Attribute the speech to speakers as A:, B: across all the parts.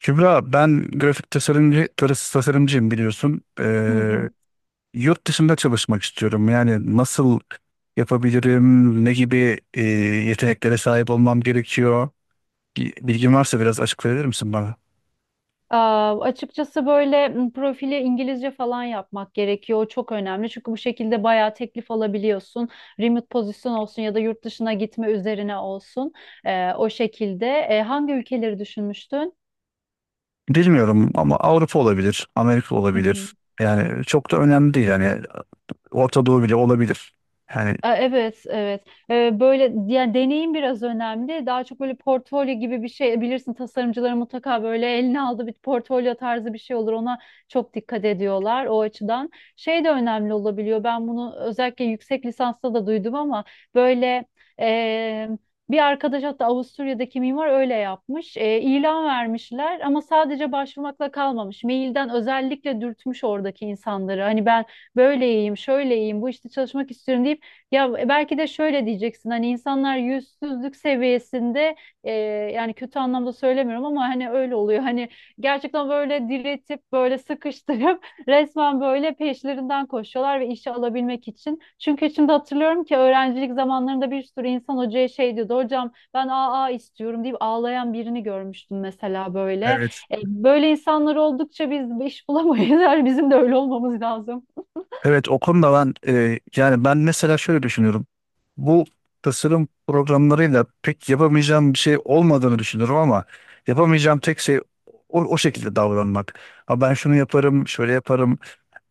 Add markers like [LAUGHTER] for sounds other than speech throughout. A: Kübra, ben grafik tasarımcı, grafik tasarımcıyım biliyorsun.
B: Hı hı.
A: Yurt dışında çalışmak istiyorum. Yani nasıl yapabilirim, ne gibi yeteneklere sahip olmam gerekiyor? Bilgin varsa biraz açık verir misin bana?
B: Aa, açıkçası böyle profili İngilizce falan yapmak gerekiyor. O çok önemli. Çünkü bu şekilde bayağı teklif alabiliyorsun. Remote pozisyon olsun ya da yurt dışına gitme üzerine olsun. O şekilde. Hangi ülkeleri düşünmüştün?
A: Bilmiyorum ama Avrupa olabilir, Amerika
B: Hı hı.
A: olabilir. Yani çok da önemli değil. Yani Orta Doğu bile olabilir. Yani
B: Evet, evet. Böyle yani deneyim biraz önemli. Daha çok böyle portfolyo gibi bir şey bilirsin tasarımcıların mutlaka böyle eline aldığı bir portfolyo tarzı bir şey olur. Ona çok dikkat ediyorlar o açıdan. Şey de önemli olabiliyor. Ben bunu özellikle yüksek lisansta da duydum ama böyle e, bir arkadaş hatta Avusturya'daki mimar öyle yapmış. E, ilan vermişler ama sadece başvurmakla kalmamış. Mailden özellikle dürtmüş oradaki insanları. Hani ben böyleyim, şöyleyim, bu işte çalışmak istiyorum diye ya belki de şöyle diyeceksin hani insanlar yüzsüzlük seviyesinde e, yani kötü anlamda söylemiyorum ama hani öyle oluyor. Hani gerçekten böyle diretip böyle sıkıştırıp [LAUGHS] resmen böyle peşlerinden koşuyorlar ve işe alabilmek için. Çünkü şimdi hatırlıyorum ki öğrencilik zamanlarında bir sürü insan hocaya şey diyordu. Hocam ben AA istiyorum deyip ağlayan birini görmüştüm mesela böyle.
A: evet.
B: Böyle insanlar oldukça biz iş bulamayız. [LAUGHS] Yani bizim de öyle olmamız lazım.
A: Evet, o konuda ben yani ben mesela şöyle düşünüyorum. Bu tasarım programlarıyla pek yapamayacağım bir şey olmadığını düşünüyorum ama yapamayacağım tek şey o şekilde davranmak. Ha ben şunu yaparım, şöyle yaparım,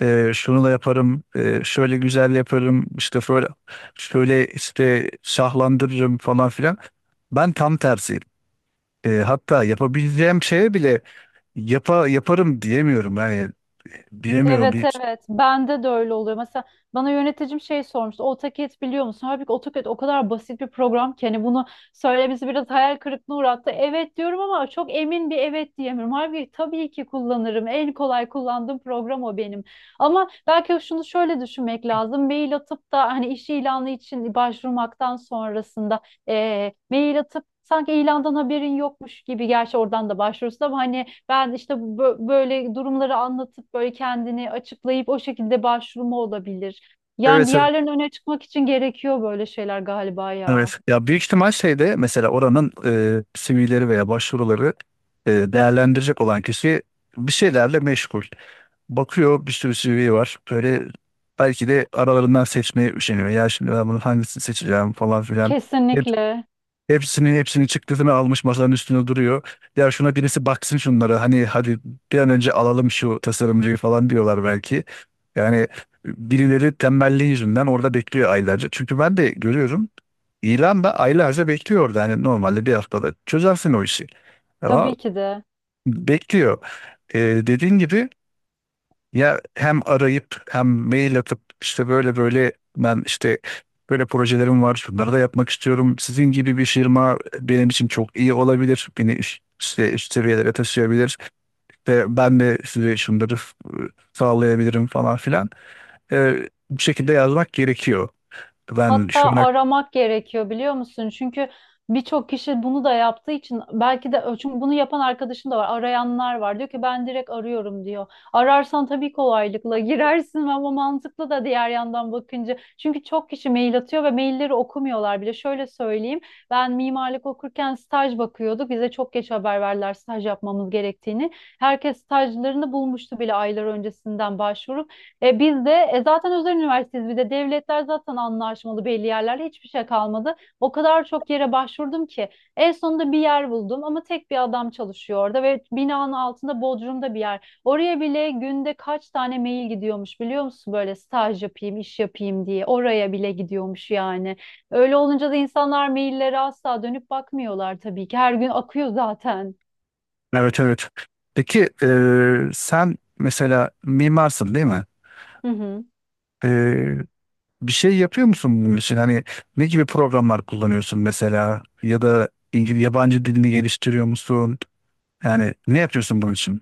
A: şunu da yaparım, şöyle güzel yaparım, işte şöyle, şöyle işte şahlandırırım falan filan. Ben tam tersiyim. Hatta yapabileceğim şeye bile yaparım diyemiyorum. Yani bilemiyorum.
B: Evet,
A: Bir,
B: evet, bende de öyle oluyor. Mesela bana yöneticim şey sormuştu. AutoCAD biliyor musun? Halbuki AutoCAD o kadar basit bir program ki hani bunu söylemesi biraz hayal kırıklığına uğrattı. Evet diyorum ama çok emin bir evet diyemiyorum. Halbuki tabii ki kullanırım. En kolay kullandığım program o benim. Ama belki şunu şöyle düşünmek lazım. Mail atıp da hani iş ilanı için başvurmaktan sonrasında mail atıp sanki ilandan haberin yokmuş gibi gerçi oradan da başvurursun ama hani ben işte böyle durumları anlatıp böyle kendini açıklayıp o şekilde başvurumu olabilir. Yani
A: evet, evet.
B: diğerlerinin öne çıkmak için gerekiyor böyle şeyler galiba ya.
A: Evet. Ya büyük ihtimal şeyde mesela oranın CV'leri veya başvuruları değerlendirecek olan kişi bir şeylerle meşgul. Bakıyor, bir sürü CV var. Böyle belki de aralarından seçmeye üşeniyor. Ya şimdi ben bunu hangisini seçeceğim falan filan.
B: Kesinlikle.
A: Hepsinin çıktısını almış masanın üstüne duruyor. Ya şuna birisi baksın şunlara hani hadi bir an önce alalım şu tasarımcıyı falan diyorlar belki. Yani birileri tembelliği yüzünden orada bekliyor aylarca. Çünkü ben de görüyorum, ilan da aylarca bekliyor orada. Hani normalde bir haftada çözersin o işi. Ama
B: Tabii ki de.
A: bekliyor. Ee, Dediğin gibi ya hem arayıp hem mail atıp işte böyle böyle ben işte böyle projelerim var, şunları da yapmak istiyorum. Sizin gibi bir firma benim için çok iyi olabilir. Beni üst, işte üst seviyelere taşıyabilir ve ben de size şunları sağlayabilirim falan filan. Bu şekilde yazmak gerekiyor. Ben
B: Hatta
A: şuna
B: aramak gerekiyor biliyor musun? Çünkü birçok kişi bunu da yaptığı için belki de çünkü bunu yapan arkadaşım da var. Arayanlar var. Diyor ki ben direkt arıyorum diyor. Ararsan tabii kolaylıkla [LAUGHS] girersin ama mantıklı da diğer yandan bakınca. Çünkü çok kişi mail atıyor ve mailleri okumuyorlar bile. Şöyle söyleyeyim. Ben mimarlık okurken staj bakıyorduk. Bize çok geç haber verdiler staj yapmamız gerektiğini. Herkes stajlarını bulmuştu bile aylar öncesinden başvuru. Biz de zaten özel üniversiteyiz bir de devletler zaten anlaşmalı belli yerlerle hiçbir şey kalmadı. O kadar çok yere başvurdum ki en sonunda bir yer buldum ama tek bir adam çalışıyor orada ve binanın altında Bodrum'da bir yer. Oraya bile günde kaç tane mail gidiyormuş biliyor musun böyle staj yapayım iş yapayım diye oraya bile gidiyormuş yani. Öyle olunca da insanlar maillere asla dönüp bakmıyorlar tabii ki her gün akıyor zaten.
A: evet, evet. Peki, sen mesela mimarsın değil mi?
B: Hı hı.
A: E, Bir şey yapıyor musun bunun için? Hani ne gibi programlar kullanıyorsun mesela? Ya da İngiliz, yabancı dilini geliştiriyor musun? Yani ne yapıyorsun bunun için?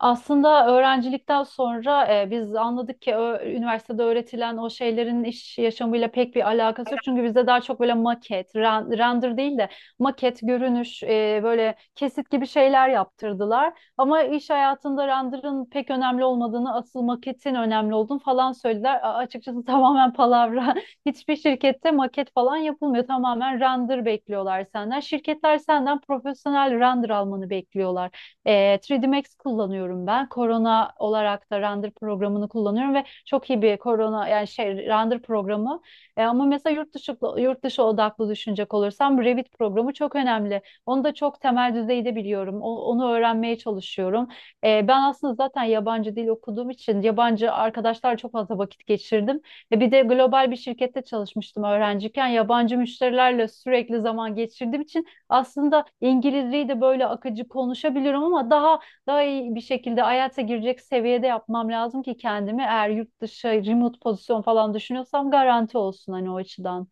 B: Aslında öğrencilikten sonra biz anladık ki üniversitede öğretilen o şeylerin iş yaşamıyla pek bir alakası yok. Çünkü bizde daha çok böyle maket, render değil de maket, görünüş, böyle kesit gibi şeyler yaptırdılar. Ama iş hayatında render'ın pek önemli olmadığını, asıl maketin önemli olduğunu falan söylediler. Açıkçası [LAUGHS] tamamen palavra. Hiçbir şirkette maket falan yapılmıyor. Tamamen render bekliyorlar senden. Şirketler senden profesyonel render almanı bekliyorlar. E, 3D Max kullanıyorum ben. Corona olarak da render programını kullanıyorum ve çok iyi bir Corona yani şey render programı. Ama mesela yurt dışı odaklı düşünecek olursam Revit programı çok önemli. Onu da çok temel düzeyde biliyorum. Onu öğrenmeye çalışıyorum. Ben aslında zaten yabancı dil okuduğum için yabancı arkadaşlarla çok fazla vakit geçirdim. Bir de global bir şirkette çalışmıştım öğrenciyken. Yabancı müşterilerle sürekli zaman geçirdiğim için aslında İngilizceyi de böyle akıcı konuşabiliyorum ama daha iyi bir şekilde hayata girecek seviyede yapmam lazım ki kendimi eğer yurt dışı remote pozisyon falan düşünüyorsam garanti olsun hani o açıdan.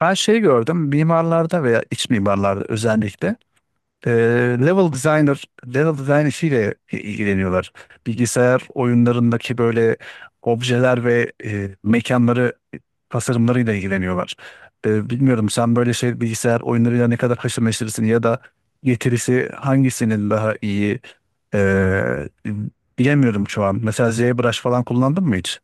A: Ben şey gördüm mimarlarda veya iç mimarlarda özellikle level designer, level design işiyle ilgileniyorlar. Bilgisayar oyunlarındaki böyle objeler ve mekanları tasarımlarıyla ilgileniyorlar. Bilmiyorum sen böyle şey bilgisayar oyunlarıyla ne kadar haşır neşirsin ya da getirisi hangisinin daha iyi. Ee, Bilemiyorum şu an. Mesela ZBrush falan kullandın mı hiç?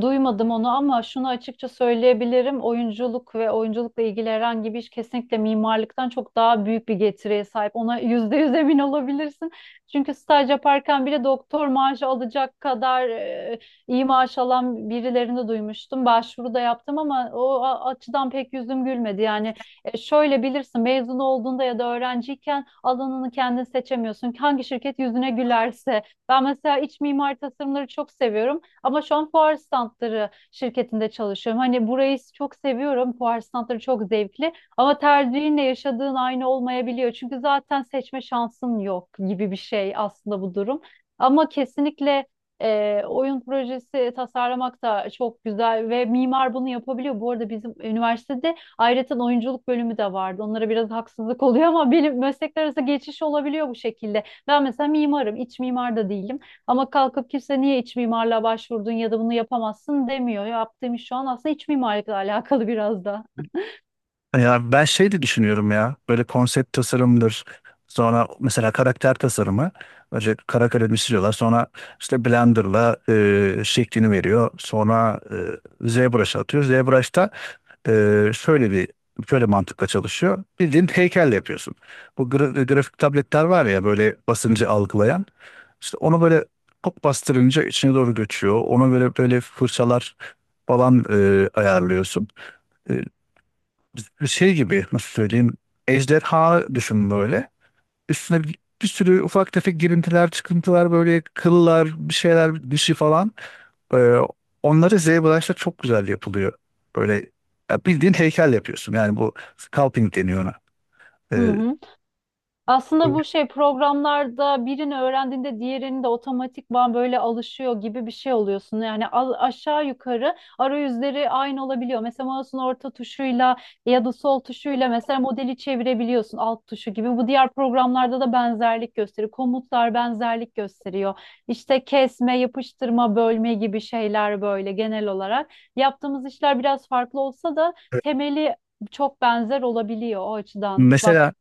B: Duymadım onu ama şunu açıkça söyleyebilirim. Oyunculuk ve oyunculukla ilgili herhangi bir iş kesinlikle mimarlıktan çok daha büyük bir getiriye sahip. Ona [LAUGHS] %100 emin olabilirsin. Çünkü staj yaparken bile doktor maaşı alacak kadar iyi maaş alan birilerini duymuştum. Başvuru da yaptım ama o açıdan pek yüzüm gülmedi. Yani şöyle bilirsin mezun olduğunda ya da öğrenciyken alanını kendin seçemiyorsun. Hangi şirket yüzüne gülerse. Ben mesela iç mimari tasarımları çok seviyorum. Ama şu an fuar standları şirketinde çalışıyorum. Hani burayı çok seviyorum. Fuar standları çok zevkli. Ama tercihinle yaşadığın aynı olmayabiliyor. Çünkü zaten seçme şansın yok gibi bir şey aslında bu durum. Ama kesinlikle oyun projesi tasarlamak da çok güzel ve mimar bunu yapabiliyor. Bu arada bizim üniversitede ayrıca oyunculuk bölümü de vardı. Onlara biraz haksızlık oluyor ama benim meslekler arası geçiş olabiliyor bu şekilde. Ben mesela mimarım, iç mimar da değilim. Ama kalkıp kimse niye iç mimarlığa başvurdun ya da bunu yapamazsın demiyor. Yaptığım iş şu an aslında iç mimarlıkla alakalı biraz da.
A: Hı. Ya ben şey de düşünüyorum, ya böyle konsept tasarımdır, sonra mesela karakter tasarımı önce kara kalemi siliyorlar, sonra işte Blender'la şeklini veriyor, sonra ZBrush'a atıyor, ZBrush'ta e, şöyle bir şöyle mantıkla çalışıyor, bildiğin heykelle yapıyorsun. Bu grafik tabletler var ya, böyle basıncı algılayan, işte onu böyle hop bastırınca içine doğru göçüyor, ona böyle böyle fırçalar falan ayarlıyorsun. E, Şey gibi nasıl söyleyeyim, ejderha düşün böyle. Üstüne bir sürü ufak tefek girintiler, çıkıntılar, böyle kıllar, bir şeyler, dişi falan. Ee, Onları ZBrush'ta çok güzel yapılıyor. Böyle ya bildiğin heykel yapıyorsun. Yani bu sculpting deniyor ona.
B: Hı
A: Ee,
B: hı. Aslında
A: bu-
B: bu şey programlarda birini öğrendiğinde diğerini de otomatikman böyle alışıyor gibi bir şey oluyorsun. Yani aşağı yukarı arayüzleri aynı olabiliyor. Mesela mouse'un orta tuşuyla ya da sol tuşuyla mesela modeli çevirebiliyorsun alt tuşu gibi. Bu diğer programlarda da benzerlik gösteriyor. Komutlar benzerlik gösteriyor. İşte kesme, yapıştırma, bölme gibi şeyler böyle genel olarak. Yaptığımız işler biraz farklı olsa da temeli çok benzer olabiliyor o açıdan.
A: Mesela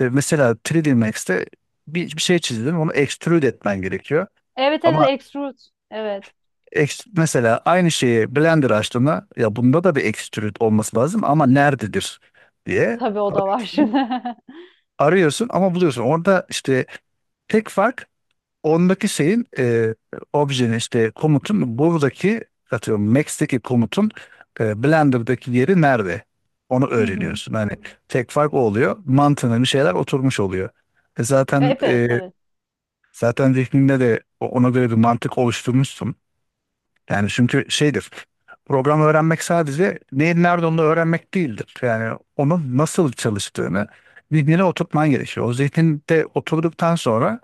A: mesela 3D Max'te bir şey çizdin, onu extrude etmen gerekiyor.
B: Evet,
A: Ama
B: evet, Extrude. Evet.
A: Mesela aynı şeyi Blender açtığında ya bunda da bir extrude olması lazım ama nerededir diye
B: Tabii o da var
A: arıyorsun.
B: şimdi. [LAUGHS]
A: Arıyorsun ama buluyorsun. Orada işte tek fark ondaki şeyin objenin işte komutun buradaki atıyorum Max'teki komutun Blender'daki yeri nerede? Onu
B: Hı hı.
A: öğreniyorsun. Hani tek fark o oluyor. Mantığına bir şeyler oturmuş oluyor. E zaten
B: Evet, evet.
A: zaten zihninde de ona göre bir mantık oluşturmuşsun. Yani çünkü şeydir. Program öğrenmek sadece neyin nerede onu öğrenmek değildir. Yani onun nasıl çalıştığını zihnine oturtman gerekiyor. O zihninde oturduktan sonra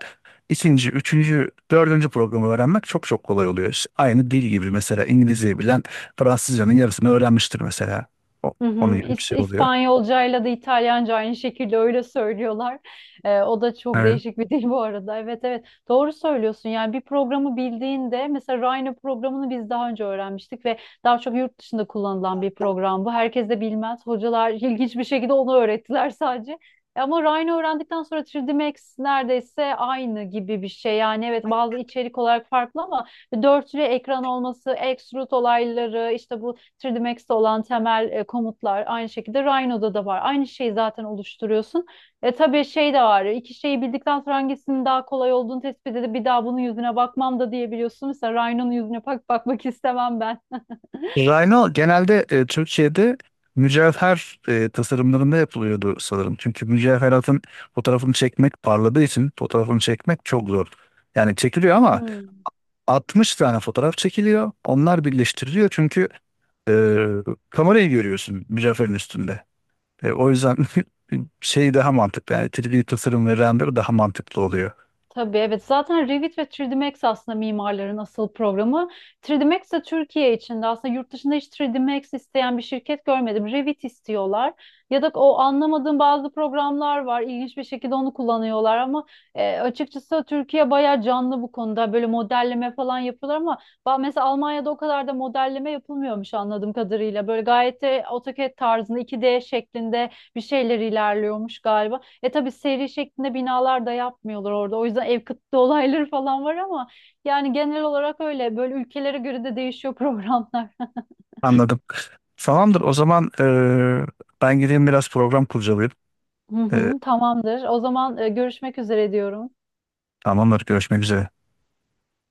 A: ikinci, üçüncü, dördüncü programı öğrenmek çok kolay oluyor. İşte aynı dil gibi, mesela İngilizceyi bilen Fransızcanın yarısını öğrenmiştir mesela. O,
B: Hı
A: Onun
B: hı.
A: gibi bir şey oluyor.
B: İspanyolcayla da İtalyanca aynı şekilde öyle söylüyorlar. O da çok
A: Evet.
B: değişik bir dil bu arada. Evet, evet, doğru söylüyorsun. Yani bir programı bildiğinde mesela Rhino programını biz daha önce öğrenmiştik ve daha çok yurt dışında kullanılan bir program bu. Herkes de bilmez. Hocalar [LAUGHS] ilginç bir şekilde onu öğrettiler sadece. Ama Rhino öğrendikten sonra 3D Max neredeyse aynı gibi bir şey. Yani evet bazı içerik olarak farklı ama dörtlü ekran olması, extrude olayları, işte bu 3D Max'te olan temel komutlar aynı şekilde Rhino'da da var. Aynı şeyi zaten oluşturuyorsun. Tabii şey de var. İki şeyi bildikten sonra hangisinin daha kolay olduğunu tespit edip bir daha bunun yüzüne bakmam da diyebiliyorsun. Mesela Rhino'nun yüzüne bakmak istemem ben.
A: Rhino genelde Türkiye'de mücevher tasarımlarında yapılıyordu sanırım. Çünkü mücevheratın fotoğrafını çekmek, parladığı için fotoğrafını çekmek çok zor. Yani çekiliyor ama
B: Hmm.
A: 60 tane fotoğraf çekiliyor. Onlar birleştiriliyor çünkü e, kamerayı görüyorsun mücevherin üstünde. O yüzden [LAUGHS] şey daha mantıklı. Yani 3D tasarım ve render daha mantıklı oluyor.
B: Tabii evet zaten Revit ve 3D Max aslında mimarların asıl programı. 3D Max de Türkiye içinde aslında yurt dışında hiç 3D Max isteyen bir şirket görmedim. Revit istiyorlar ya da o anlamadığım bazı programlar var ilginç bir şekilde onu kullanıyorlar ama açıkçası Türkiye bayağı canlı bu konuda böyle modelleme falan yapıyorlar ama mesela Almanya'da o kadar da modelleme yapılmıyormuş anladığım kadarıyla. Böyle gayet de AutoCAD tarzında 2D şeklinde bir şeyler ilerliyormuş galiba. Tabii seri şeklinde binalar da yapmıyorlar orada. O yüzden ev kıtlığı [LAUGHS] olayları falan var ama yani genel olarak öyle. Böyle ülkelere göre de değişiyor programlar.
A: Anladım. Tamamdır. O zaman ben gideyim biraz program kurcalayayım.
B: [LAUGHS] Hı
A: E,
B: hı, tamamdır. O zaman görüşmek üzere diyorum.
A: Tamamdır. Görüşmek üzere.